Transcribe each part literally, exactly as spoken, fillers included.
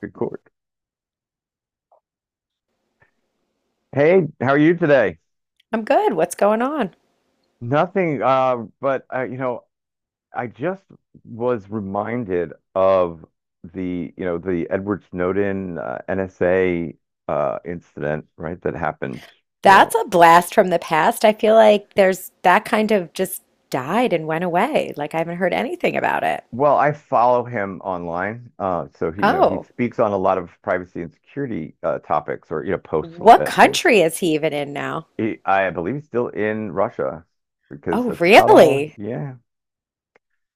Record. Hey, how are you today? I'm good. What's going on? Nothing, uh, but uh, you know, I just was reminded of the, you know, the Edward Snowden uh, N S A uh, incident, right? That happened, you That's know. a blast from the past. I feel like there's that kind of just died and went away. Like I haven't heard anything about it. Well, I follow him online, uh, so he, you know, he Oh, speaks on a lot of privacy and security uh, topics, or you know, posts what uh, things. country is he even in now? He, I believe he's still in Russia because Oh, that's about all. really? Yeah,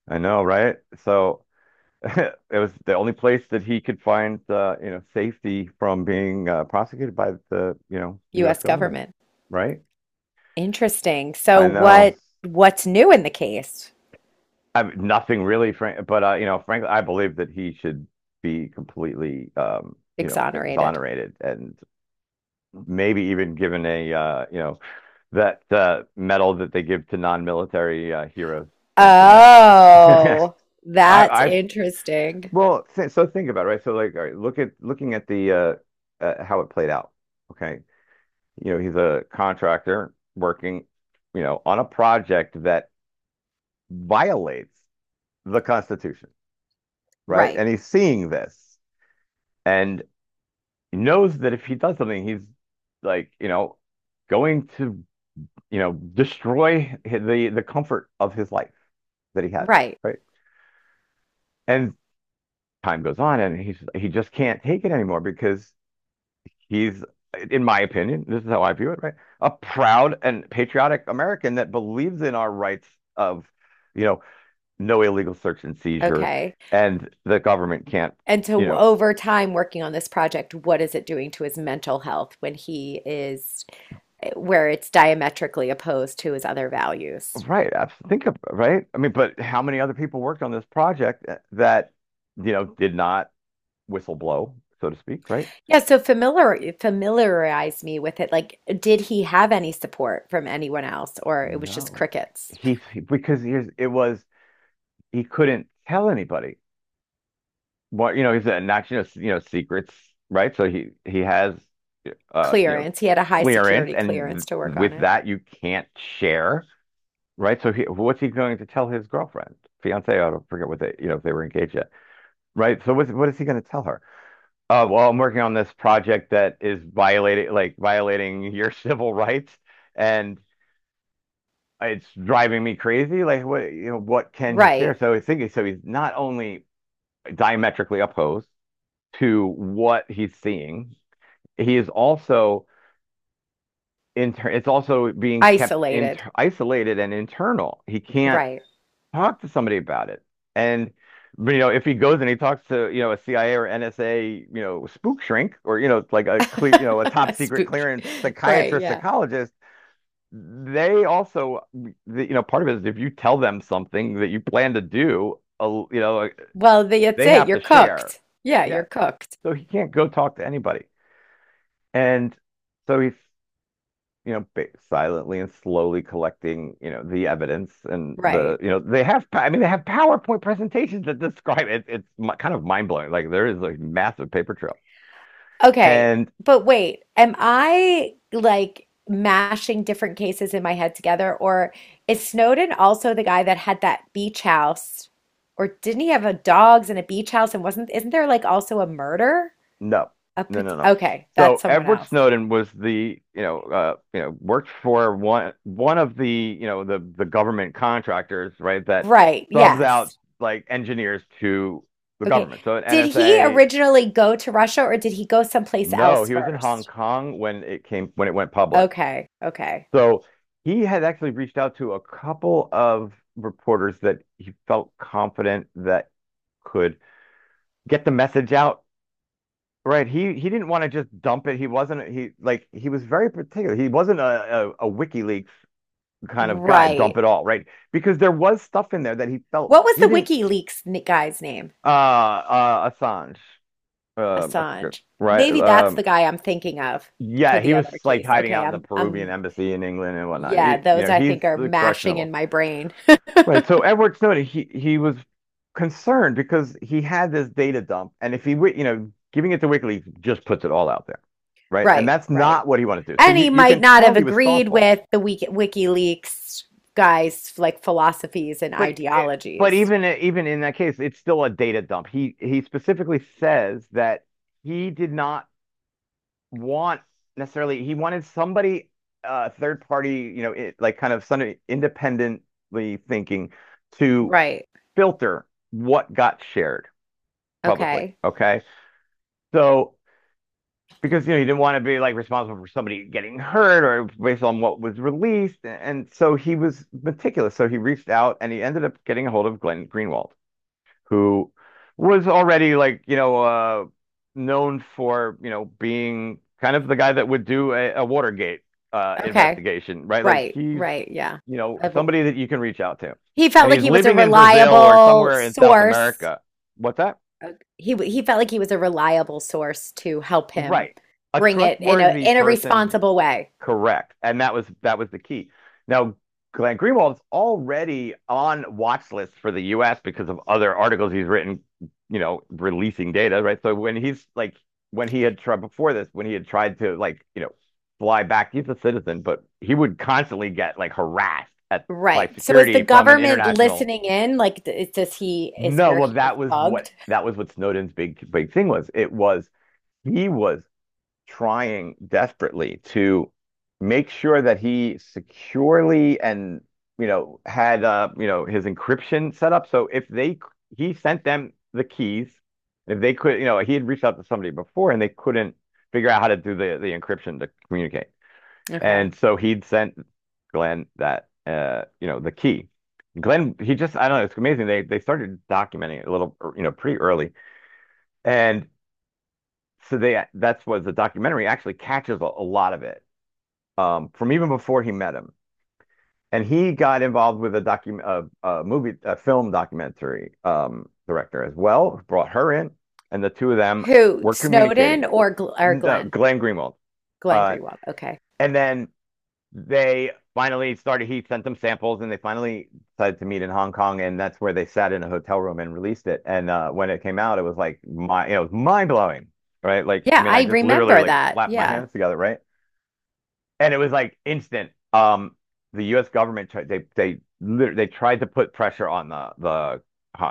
I know, right? So, it was the only place that he could find uh, you know safety from being uh, prosecuted by the you know U S U S government, government. right? Interesting. So I know. what what's new in the case? I mean, nothing really, Frank, but uh, you know, frankly, I believe that he should be completely um, you know Exonerated. exonerated and maybe even given a uh, you know that uh, medal that they give to non-military uh, heroes. Frankly, I Oh, I, that's I interesting. well, th so think about it, right? So like, all right, look at looking at the uh, uh, how it played out. Okay, you know, he's a contractor working, you know, on a project that violates the Constitution, right? Right. And he's seeing this and knows that if he does something, he's like, you know, going to, you know, destroy the the comfort of his life that he has, Right. right? And time goes on, and he's he just can't take it anymore because he's, in my opinion, this is how I view it, right? A proud and patriotic American that believes in our rights of, you know, no illegal search and seizure, Okay. and the government can't, And you so, know, over time working on this project, what is it doing to his mental health when he is eh, where it's diametrically opposed to his other values? right? Think of right. I mean, but how many other people worked on this project eh, that, you know, did not whistle blow, so to speak, right? Yeah, so familiar familiarize me with it. Like, did he have any support from anyone else, or it was just No, crickets? he, he- because here's it was he couldn't tell anybody what you know. He's a national, you know, secrets, right? So he he has, uh, you know, Clearance. He had a high clearance, security clearance and to work on with it. that you can't share right? So he, what's he going to tell his girlfriend, fiance? I don't forget what they, you know, if they were engaged yet, right? So what's, what is he going to tell her? Uh, well, I'm working on this project that is violating, like violating your civil rights, and it's driving me crazy. Like, what, you know, what can he share? Right. So I think so. He's not only diametrically opposed to what he's seeing, he is also inter- it's also being kept Isolated. inter- isolated and internal. He can't Right. talk to somebody about it. And but, you know, if he goes and he talks to, you know, a C I A or N S A, you know, spook shrink or, you know, like a clear, you know, a top secret Spooked. clearance Right, psychiatrist, yeah. psychologist, they also, the, you know, part of it is if you tell them something that you plan to do, a, you know, like, Well, that's they it. have You're to share. cooked. Yeah, Yeah. you're cooked. So he can't go talk to anybody. And so he's you know, ba- silently and slowly collecting, you know, the evidence and the, Right. you know, they have, pa- I mean, they have PowerPoint presentations that describe it. It's mi- kind of mind blowing. Like there is a massive paper trail. Okay, And but wait, am I like mashing different cases in my head together, or is Snowden also the guy that had that beach house, or didn't he have a dogs and a beach house and wasn't, isn't there like also a murder? no, A no, pot- no, no. Okay, that's So someone Edward else. Snowden was the, you know, uh, you know, worked for one one of the, you know, the the government contractors, right, that Right, subs out yes. like engineers to the Okay. government. So at Did he N S A, originally go to Russia or did he go someplace no, else he was in Hong first? Kong when it came when it went public. Okay, okay. So he had actually reached out to a couple of reporters that he felt confident that could get the message out. Right. He he didn't want to just dump it. He wasn't he like he was very particular. He wasn't a, a, a WikiLeaks kind of guy, dump Right. it all, right? Because there was stuff in there that he felt What was the didn't WikiLeaks n- guy's name? uh uh Assange. Um I forget. Assange. Right. Maybe that's Um the guy I'm thinking of for Yeah, he the was other like case. hiding Okay, out in the I'm Peruvian I'm embassy in England and whatnot. yeah, He, you those know, I he's think are mashing in questionable. my brain. Right. So Edward Snowden, he he was concerned because he had this data dump, and if he, wi- you know, giving it to WikiLeaks just puts it all out there, right? And Right, that's right. not what he wanted to do. So And you he you might can not tell have he was agreed thoughtful, with the Wiki WikiLeaks guys' like philosophies and but it- but ideologies. even even in that case, it's still a data dump. He he specifically says that he did not want necessarily. He wanted somebody, uh, third party, you know, it, like kind of somebody independently thinking to Right. filter what got shared publicly. Okay. Okay. So because you know he didn't want to be like responsible for somebody getting hurt or based on what was released, and so he was meticulous. So he reached out and he ended up getting a hold of Glenn Greenwald, who was already like you know uh, known for you know being kind of the guy that would do a, a Watergate uh, Okay. investigation, right? Like Right, he's right. Yeah. you know Uh, somebody that you can reach out to, He and felt like he's he was a living in Brazil or reliable somewhere in South source America. What's that? uh, he w- he felt like he was a reliable source to help him Right. A bring it in a trustworthy in a person, responsible way. correct. And that was that was the key. Now, Glenn Greenwald's already on watch lists for the U S because of other articles he's written, you know, releasing data, right? So when he's like when he had tried before this, when he had tried to like, you know, fly back, he's a citizen, but he would constantly get like harassed at by Right. So is the security from an government international. listening in? Like, th- does he is No, where well, he is that was what bugged? that was what Snowden's big big thing was. It was he was trying desperately to make sure that he securely and you know had uh you know his encryption set up. So if they he sent them the keys, if they could, you know, he had reached out to somebody before and they couldn't figure out how to do the the encryption to communicate. Okay. And so he'd sent Glenn that uh you know the key. Glenn, he just I don't know, it's amazing. They they started documenting it a little, you know, pretty early. And so they that's what the documentary actually catches a, a lot of it um, from even before he met him. And he got involved with a document, a, a movie, a film documentary um, director as well. Brought her in, and the two of them Who? were communicating. Snowden or Gl or No, Glenn? Glenn Greenwald, Glenn uh, Greenwald. Okay. and then they finally started. He sent them samples, and they finally decided to meet in Hong Kong, and that's where they sat in a hotel room and released it. And uh, when it came out, it was like my, you know, it was mind blowing, right? Like, I Yeah, mean, I I just literally remember like that. slapped my Yeah, hands together, right? And it was like instant. Um, the U S government tried they they they tried to put pressure on the the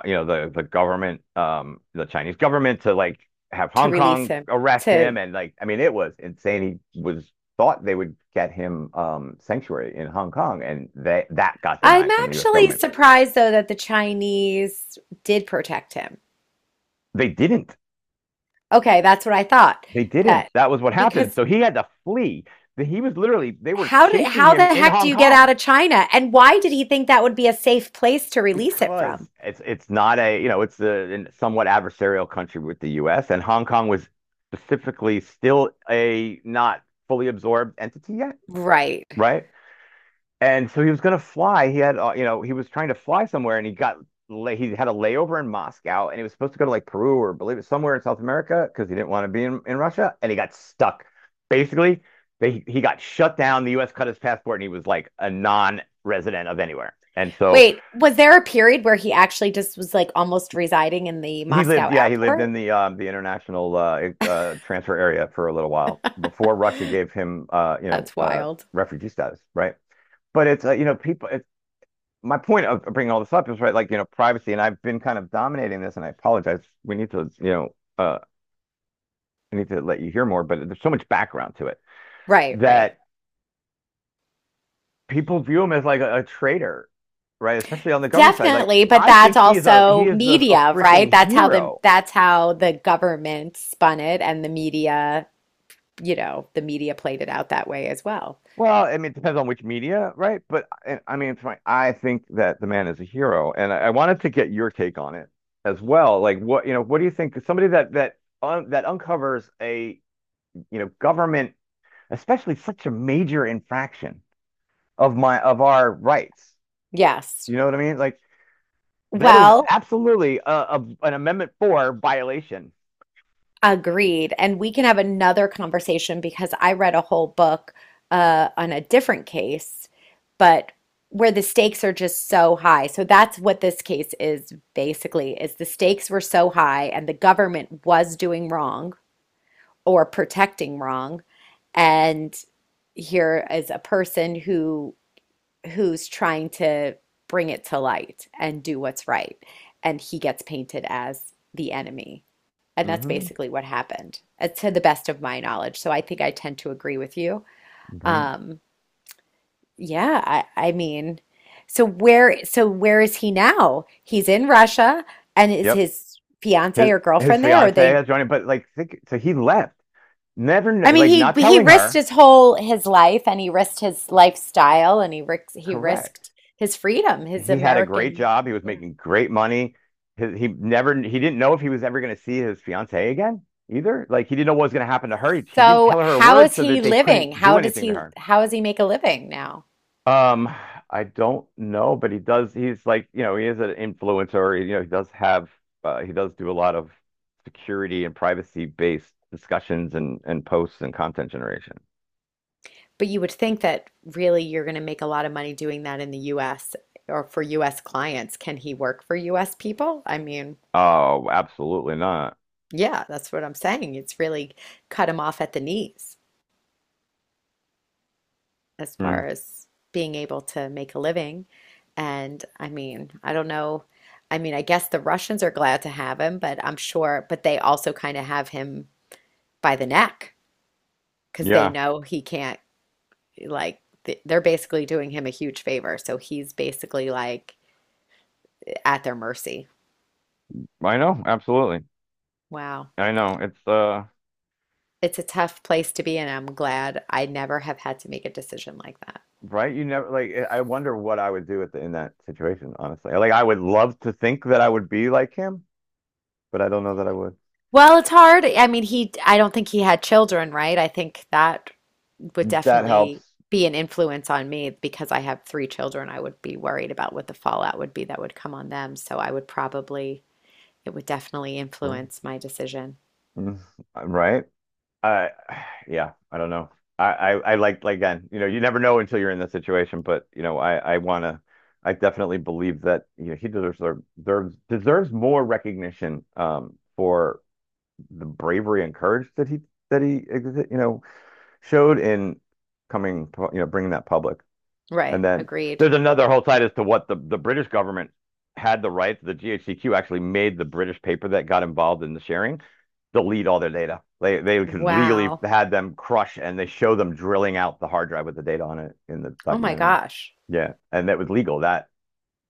you know the the government um the Chinese government to like have to Hong release Kong him. arrest him To and like I mean it was insane. He was thought they would get him um sanctuary in Hong Kong and they that got I'm denied from the U S actually government. surprised though that the Chinese did protect him. They didn't. Okay, that's what I thought. They didn't. That That was what happened. because So he had to flee. He was literally they were how did chasing how him the in heck do Hong you get Kong. out of China? And why did he think that would be a safe place to release it Because from? it's it's not a you know it's a somewhat adversarial country with the U S and Hong Kong was specifically still a not fully absorbed entity yet, Right. right? And so he was going to fly. He had uh, you know he was trying to fly somewhere and he got lay, he had a layover in Moscow and he was supposed to go to like Peru or believe it somewhere in South America because he didn't want to be in, in Russia and he got stuck. Basically, they he got shut down. The U S cut his passport and he was like a non-resident of anywhere. And so Wait, was there a period where he actually just was like almost residing in the he lived, Moscow yeah, he lived airport? in the um, the international uh, e, uh, transfer area for a little while before Russia gave him, uh, you know, That's uh, wild. refugee status, right? But it's, uh, you know, people. It's, my point of bringing all this up is right, like you know, privacy, and I've been kind of dominating this, and I apologize. We need to, you know, uh, I need to let you hear more, but there's so much background to it Right, right. that people view him as like a, a traitor, right? Especially on the government side. Like Definitely, but I that's think he is a he also is the a media, right? freaking That's how the hero. that's how the government spun it and the media, you know, the media played it out that way as well. Well, I mean, it depends on which media, right? But I, I mean, it's my, I think that the man is a hero, and I, I wanted to get your take on it as well. Like, what you know, what do you think? Somebody that that un, that uncovers a you know government, especially such a major infraction of my of our rights. Yes. You know what I mean? Like that is Well, absolutely a, a an Amendment Four violation. agreed. And we can have another conversation because I read a whole book uh, on a different case, but where the stakes are just so high. So that's what this case is basically, is the stakes were so high and the government was doing wrong or protecting wrong. And here is a person who who's trying to bring it to light and do what's right. And he gets painted as the enemy. And Mm that's hmm basically what happened, uh, to the best of my knowledge. So I think I tend to agree with you. Right. Um, yeah, I, I mean, so where, so where is he now? He's in Russia, and is Yep. his fiance His or his girlfriend there? Or fiance they? has joined him, but like, think, so he left, never I kn- like mean, not he he telling risked her. his whole his life, and he risked his lifestyle, and he risked he Correct. risked his freedom, his He had a great American. job. He was Yeah. making great money. His, he never he didn't know if he was ever going to see his fiancee again either. Like he didn't know what was going to happen to her. He, he didn't So tell her a how word is so that he they couldn't living? do How does anything to he her. how does he make a living now? Um, I don't know, but he does. He's like you know he is an influencer. You know he does have uh, he does do a lot of security and privacy based discussions and and posts and content generation. But you would think that really you're going to make a lot of money doing that in the U S or for U S clients. Can he work for U S people? I mean, Oh, absolutely not. yeah, that's what I'm saying. It's really cut him off at the knees as far Mm, as being able to make a living. And I mean, I don't know. I mean, I guess the Russians are glad to have him, but I'm sure, but they also kind of have him by the neck because they yeah, know he can't, like, th- they're basically doing him a huge favor. So he's basically like at their mercy. I know. Absolutely, Wow. I know. It's uh. It's a tough place to be and I'm glad I never have had to make a decision like that. Right? You never like I wonder what I would do at the, in that situation, honestly. Like I would love to think that I would be like him, but I don't know that I would. Well, it's hard. I mean, he, I don't think he had children, right? I think that would That definitely helps. be an influence on me because I have three children. I would be worried about what the fallout would be that would come on them. So I would probably, it would definitely True. influence my decision. Mm. Right? I yeah, I don't know. I, I I like like again, you know, you never know until you're in the situation, but you know, I I wanna I definitely believe that you know he deserves deserves deserves more recognition um for the bravery and courage that he that he you know showed in coming you know bringing that public. And Right. then Agreed. there's another whole side as to what the, the British government had the rights. The G H Q actually made the British paper that got involved in the sharing delete all their data. They they could legally Wow. had them crush and they show them drilling out the hard drive with the data on it in the Oh my documentary. gosh. Yeah, and that was legal that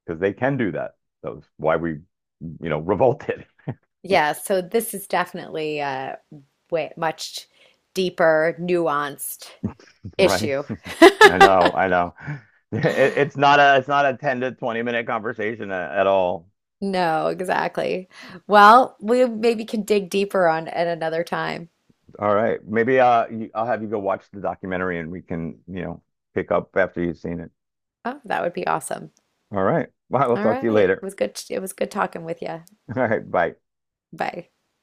because they can do that. That was why we, you know, revolted, Yeah. So this is definitely uh, way much deeper, nuanced right? issue. I know, I know. It, it's not a it's not a ten to twenty minute conversation at all. No, exactly. Well, we maybe can dig deeper on at another time. All right. Maybe uh, you, I'll have you go watch the documentary and we can, you know, pick up after you've seen it. Oh, that would be awesome. All right. Well, I'll All talk to you right. It later. was good. It was good talking with you. All right. Bye. Bye.